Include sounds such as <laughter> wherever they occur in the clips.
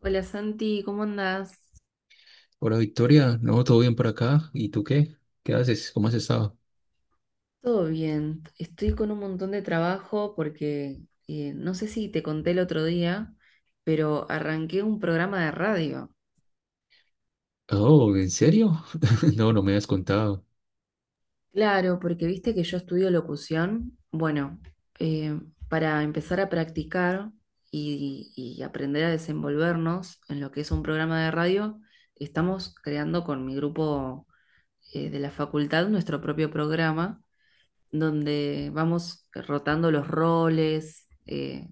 Hola Santi, ¿cómo andás? Hola Victoria, no, todo bien por acá. ¿Y tú qué? ¿Qué haces? ¿Cómo has estado? Todo bien, estoy con un montón de trabajo porque no sé si te conté el otro día, pero arranqué un programa de radio. Oh, ¿en serio? <laughs> No, no me has contado. Claro, porque viste que yo estudio locución. Bueno, eh, para empezar a practicar y aprender a desenvolvernos en lo que es un programa de radio, estamos creando con mi grupo de la facultad nuestro propio programa donde vamos rotando los roles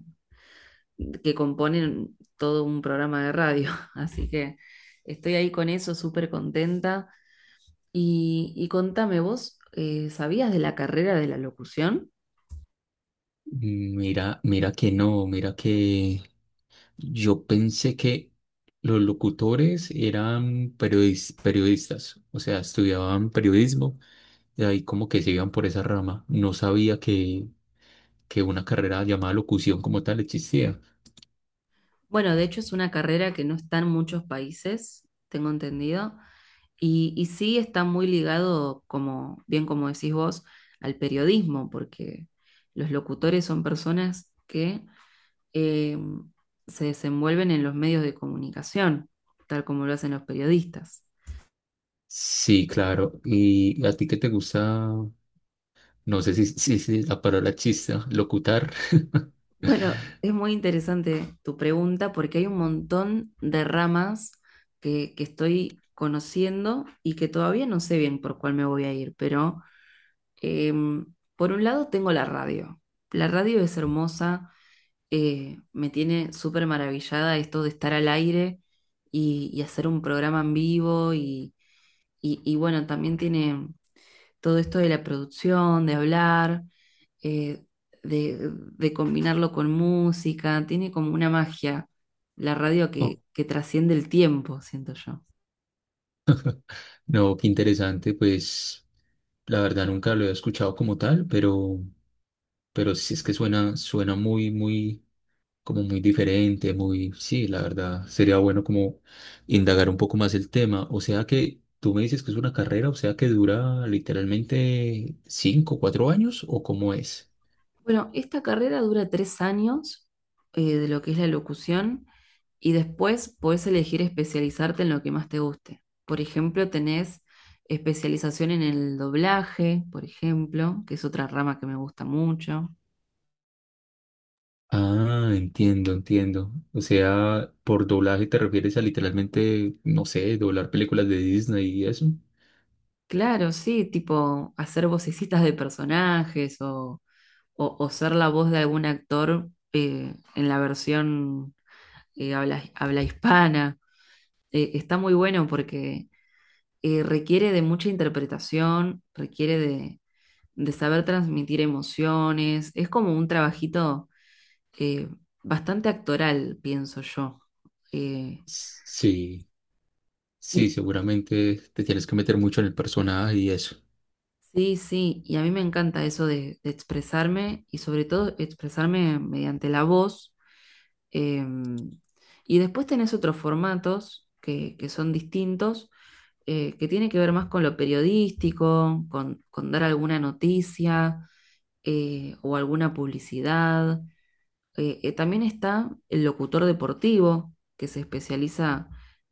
que componen todo un programa de radio. <laughs> Así que estoy ahí con eso, súper contenta. Y contame, vos, ¿sabías de la carrera de la locución? Mira, mira que no, mira que yo pensé que los locutores eran periodistas, o sea, estudiaban periodismo y ahí como que se iban por esa rama. No sabía que una carrera llamada locución como tal existía. Bueno, de hecho es una carrera que no está en muchos países, tengo entendido, y sí está muy ligado, como bien como decís vos, al periodismo, porque los locutores son personas que eh, se desenvuelven en los medios de comunicación, tal como lo hacen los periodistas. Sí, claro. ¿Y a ti qué te gusta? No sé si la palabra chista, locutar. <laughs> Bueno, es muy interesante tu pregunta porque hay un montón de ramas que estoy conociendo y que todavía no sé bien por cuál me voy a ir, pero eh, por un lado tengo la radio. La radio es hermosa, me tiene súper maravillada esto de estar al aire y hacer un programa en vivo y bueno, también tiene todo esto de la producción, de hablar, eh, de combinarlo con música, tiene como una magia la radio que, Oh, que trasciende el tiempo, siento yo. no, qué interesante, pues la verdad nunca lo he escuchado como tal, pero sí es que suena, suena muy, como muy diferente, muy, sí, la verdad, sería bueno como indagar un poco más el tema. O sea que tú me dices que es una carrera, o sea que dura literalmente cinco, cuatro años, ¿o cómo es? Bueno, esta carrera dura 3 años de lo que es la locución y después podés elegir especializarte en lo que más te guste. Por ejemplo, tenés especialización en el doblaje, por ejemplo, que es otra rama que me gusta mucho. Ah, entiendo, entiendo. O sea, por doblaje te refieres a literalmente, no sé, doblar películas de Disney y eso. Claro, sí, tipo hacer vocecitas de personajes o ser la voz de algún actor en la versión habla hispana. Está muy bueno porque requiere de mucha interpretación, requiere de saber transmitir emociones. Es como un trabajito eh, bastante actoral, pienso yo. Sí. Sí, Eh, seguramente te tienes que meter mucho en el personaje y eso. Sí, sí, y a mí me encanta eso de expresarme y sobre todo expresarme mediante la voz. em, y después tenés otros formatos que son distintos, que tiene que ver más con lo periodístico, con dar alguna noticia o alguna publicidad. También está el locutor deportivo, que se especializa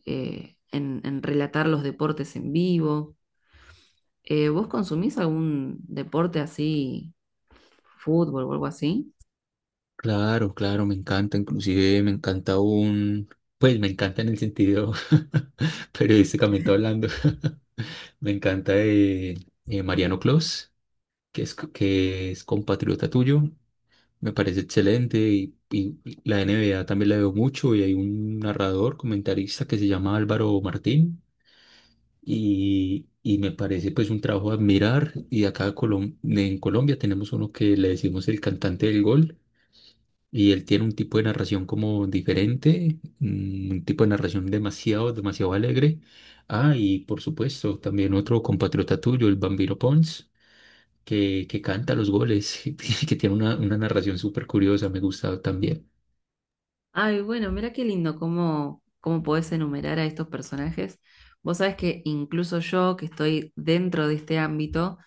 en relatar los deportes en vivo. ¿Vos consumís algún deporte así? ¿Fútbol o algo así? Claro, claro, me encanta, inclusive me encanta un, pues me encanta en el sentido <laughs> periodísticamente hablando. <laughs> Me encanta Mariano Clos, que que es compatriota tuyo, me parece excelente y la NBA también la veo mucho y hay un narrador, comentarista que se llama Álvaro Martín y me parece pues un trabajo a admirar. Y acá en Colombia tenemos uno que le decimos el cantante del gol y él tiene un tipo de narración como diferente, mm, un tipo de narración demasiado, demasiado alegre. Ah, y por supuesto también otro compatriota tuyo, el Bambino Pons. Que canta los goles, <laughs> que tiene una narración súper curiosa, me gusta también. Ay, bueno, mira qué lindo cómo, cómo podés enumerar a estos personajes. Vos sabés que incluso yo, que estoy dentro de este ámbito,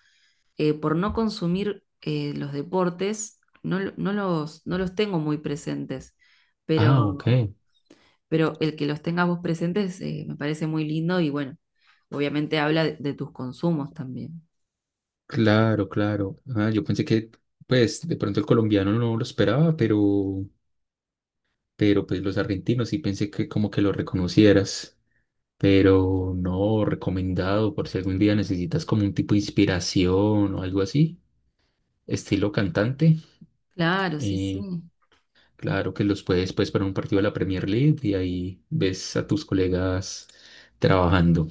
por no consumir los deportes, no, no no los tengo muy presentes. Ah, Pero, ok. pero el que los tengas vos presentes me parece muy lindo y bueno, obviamente habla de tus consumos también. Claro, claro. Ah, yo pensé que, pues, de pronto el colombiano no lo esperaba, pero pues los argentinos sí pensé que como que lo reconocieras, pero no, recomendado por si algún día necesitas como un tipo de inspiración o algo así, estilo cantante, Claro, sí, sí. eh, claro que los puedes pues para un partido de la Premier League y ahí ves a tus colegas trabajando.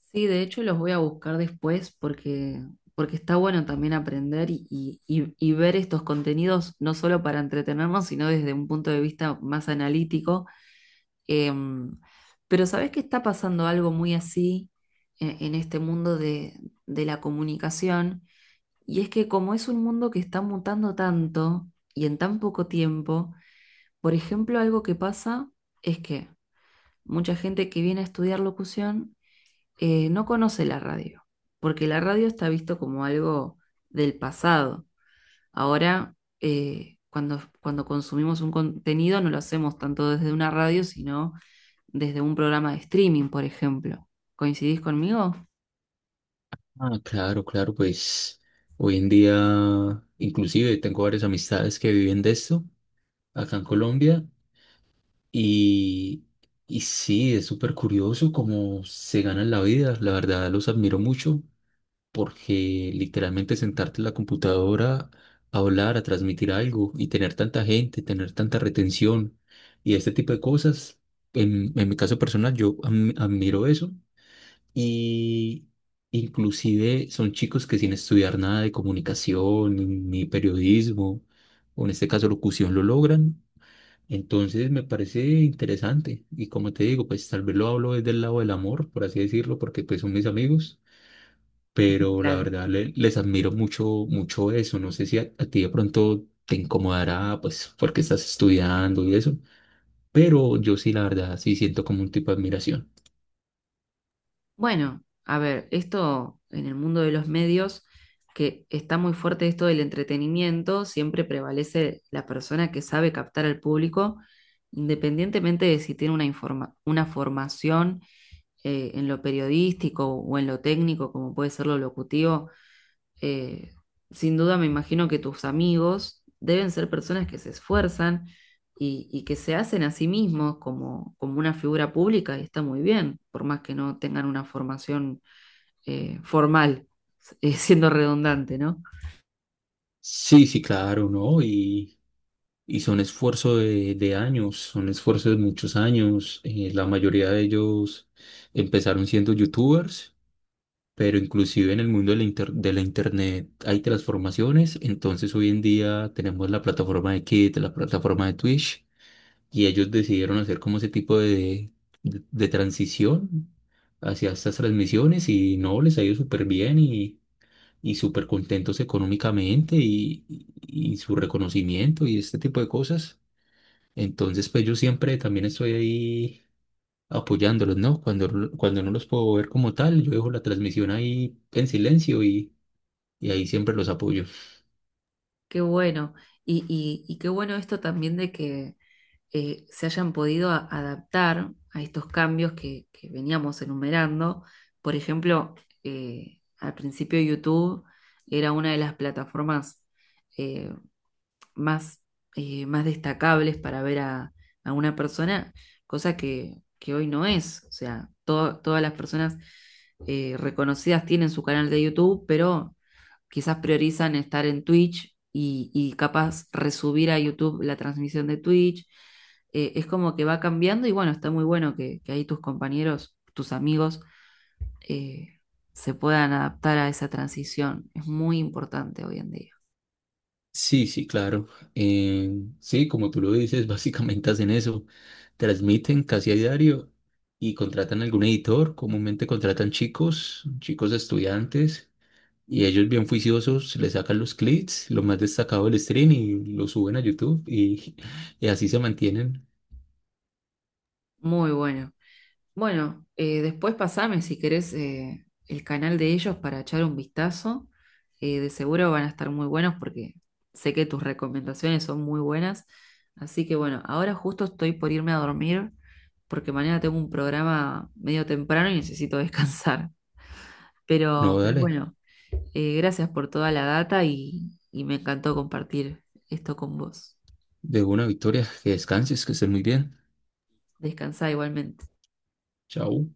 Sí, de hecho los voy a buscar después porque, porque está bueno también aprender y ver estos contenidos no solo para entretenernos, sino desde un punto de vista más analítico. Em, pero ¿sabés que está pasando algo muy así en este mundo de la comunicación? Y es que como es un mundo que está mutando tanto y en tan poco tiempo, por ejemplo, algo que pasa es que mucha gente que viene a estudiar locución, no conoce la radio, porque la radio está visto como algo del pasado. Ahora, cuando consumimos un contenido, no lo hacemos tanto desde una radio, sino desde un programa de streaming, por ejemplo. ¿Coincidís conmigo? Ah, claro, claro, pues hoy en día inclusive tengo varias amistades que viven de esto acá en Colombia. Y, y sí, es súper curioso cómo se ganan la vida. La verdad, los admiro mucho porque literalmente sentarte en la computadora a hablar, a transmitir algo y tener tanta gente, tener tanta retención y este tipo de cosas, en mi caso personal, yo admiro eso. Y inclusive son chicos que sin estudiar nada de comunicación ni periodismo, o en este caso locución, lo logran. Entonces me parece interesante y como te digo, pues tal vez lo hablo desde el lado del amor, por así decirlo, porque pues son mis amigos, pero la Claro. verdad les admiro mucho, mucho eso. No sé si a ti de pronto te incomodará, pues porque estás estudiando y eso, pero yo sí, la verdad, sí siento como un tipo de admiración. Bueno, a ver, esto en el mundo de los medios, que está muy fuerte esto del entretenimiento, siempre prevalece la persona que sabe captar al público, independientemente de si tiene una, una formación en lo periodístico o en lo técnico, como puede ser lo locutivo, eh, sin duda me imagino que tus amigos deben ser personas que se esfuerzan y que se hacen a sí mismos como, como una figura pública y está muy bien, por más que no tengan una formación formal, <laughs> siendo redundante, ¿no? Sí, sí, claro, ¿no? Y son esfuerzos de años, son esfuerzos de muchos años. Eh, la mayoría de ellos empezaron siendo youtubers, pero inclusive en el mundo de de la internet hay transformaciones, entonces hoy en día tenemos la plataforma de Kit, la plataforma de Twitch, y ellos decidieron hacer como ese tipo de transición hacia estas transmisiones y no, les ha ido súper bien y súper contentos económicamente y y su reconocimiento y este tipo de cosas. Entonces, pues yo siempre también estoy ahí apoyándolos, ¿no? Cuando no los puedo ver como tal, yo dejo la transmisión ahí en silencio y ahí siempre los apoyo. Qué bueno. Y qué bueno esto también de que se hayan podido adaptar a estos cambios que veníamos enumerando. Por ejemplo, al principio YouTube era una de las plataformas eh, más, más destacables para ver a una persona, cosa que hoy no es. O sea, todas las personas reconocidas tienen su canal de YouTube, pero quizás priorizan estar en Twitch y capaz resubir a YouTube la transmisión de Twitch. Es como que va cambiando y bueno, está muy bueno que ahí tus compañeros, tus amigos, eh, se puedan adaptar a esa transición. Es muy importante hoy en día. Sí, sí, claro. Eh, sí, como tú lo dices, <laughs> básicamente hacen eso. Transmiten casi a diario y contratan algún editor. Comúnmente contratan chicos, chicos estudiantes, y ellos bien juiciosos le sacan los clips, lo más destacado del stream y lo suben a YouTube y, <laughs> y así se mantienen. Muy bueno. Bueno, después pasame si querés el canal de ellos para echar un vistazo. De seguro van a estar muy buenos porque sé que tus recomendaciones son muy buenas. Así que bueno, ahora justo estoy por irme a dormir porque mañana tengo un programa medio temprano y necesito <laughs> descansar. No, Pero dale, bueno, gracias por toda la data y me encantó compartir esto con vos. de una Victoria, que descanses, que estén muy bien. Descansá igualmente. Chao.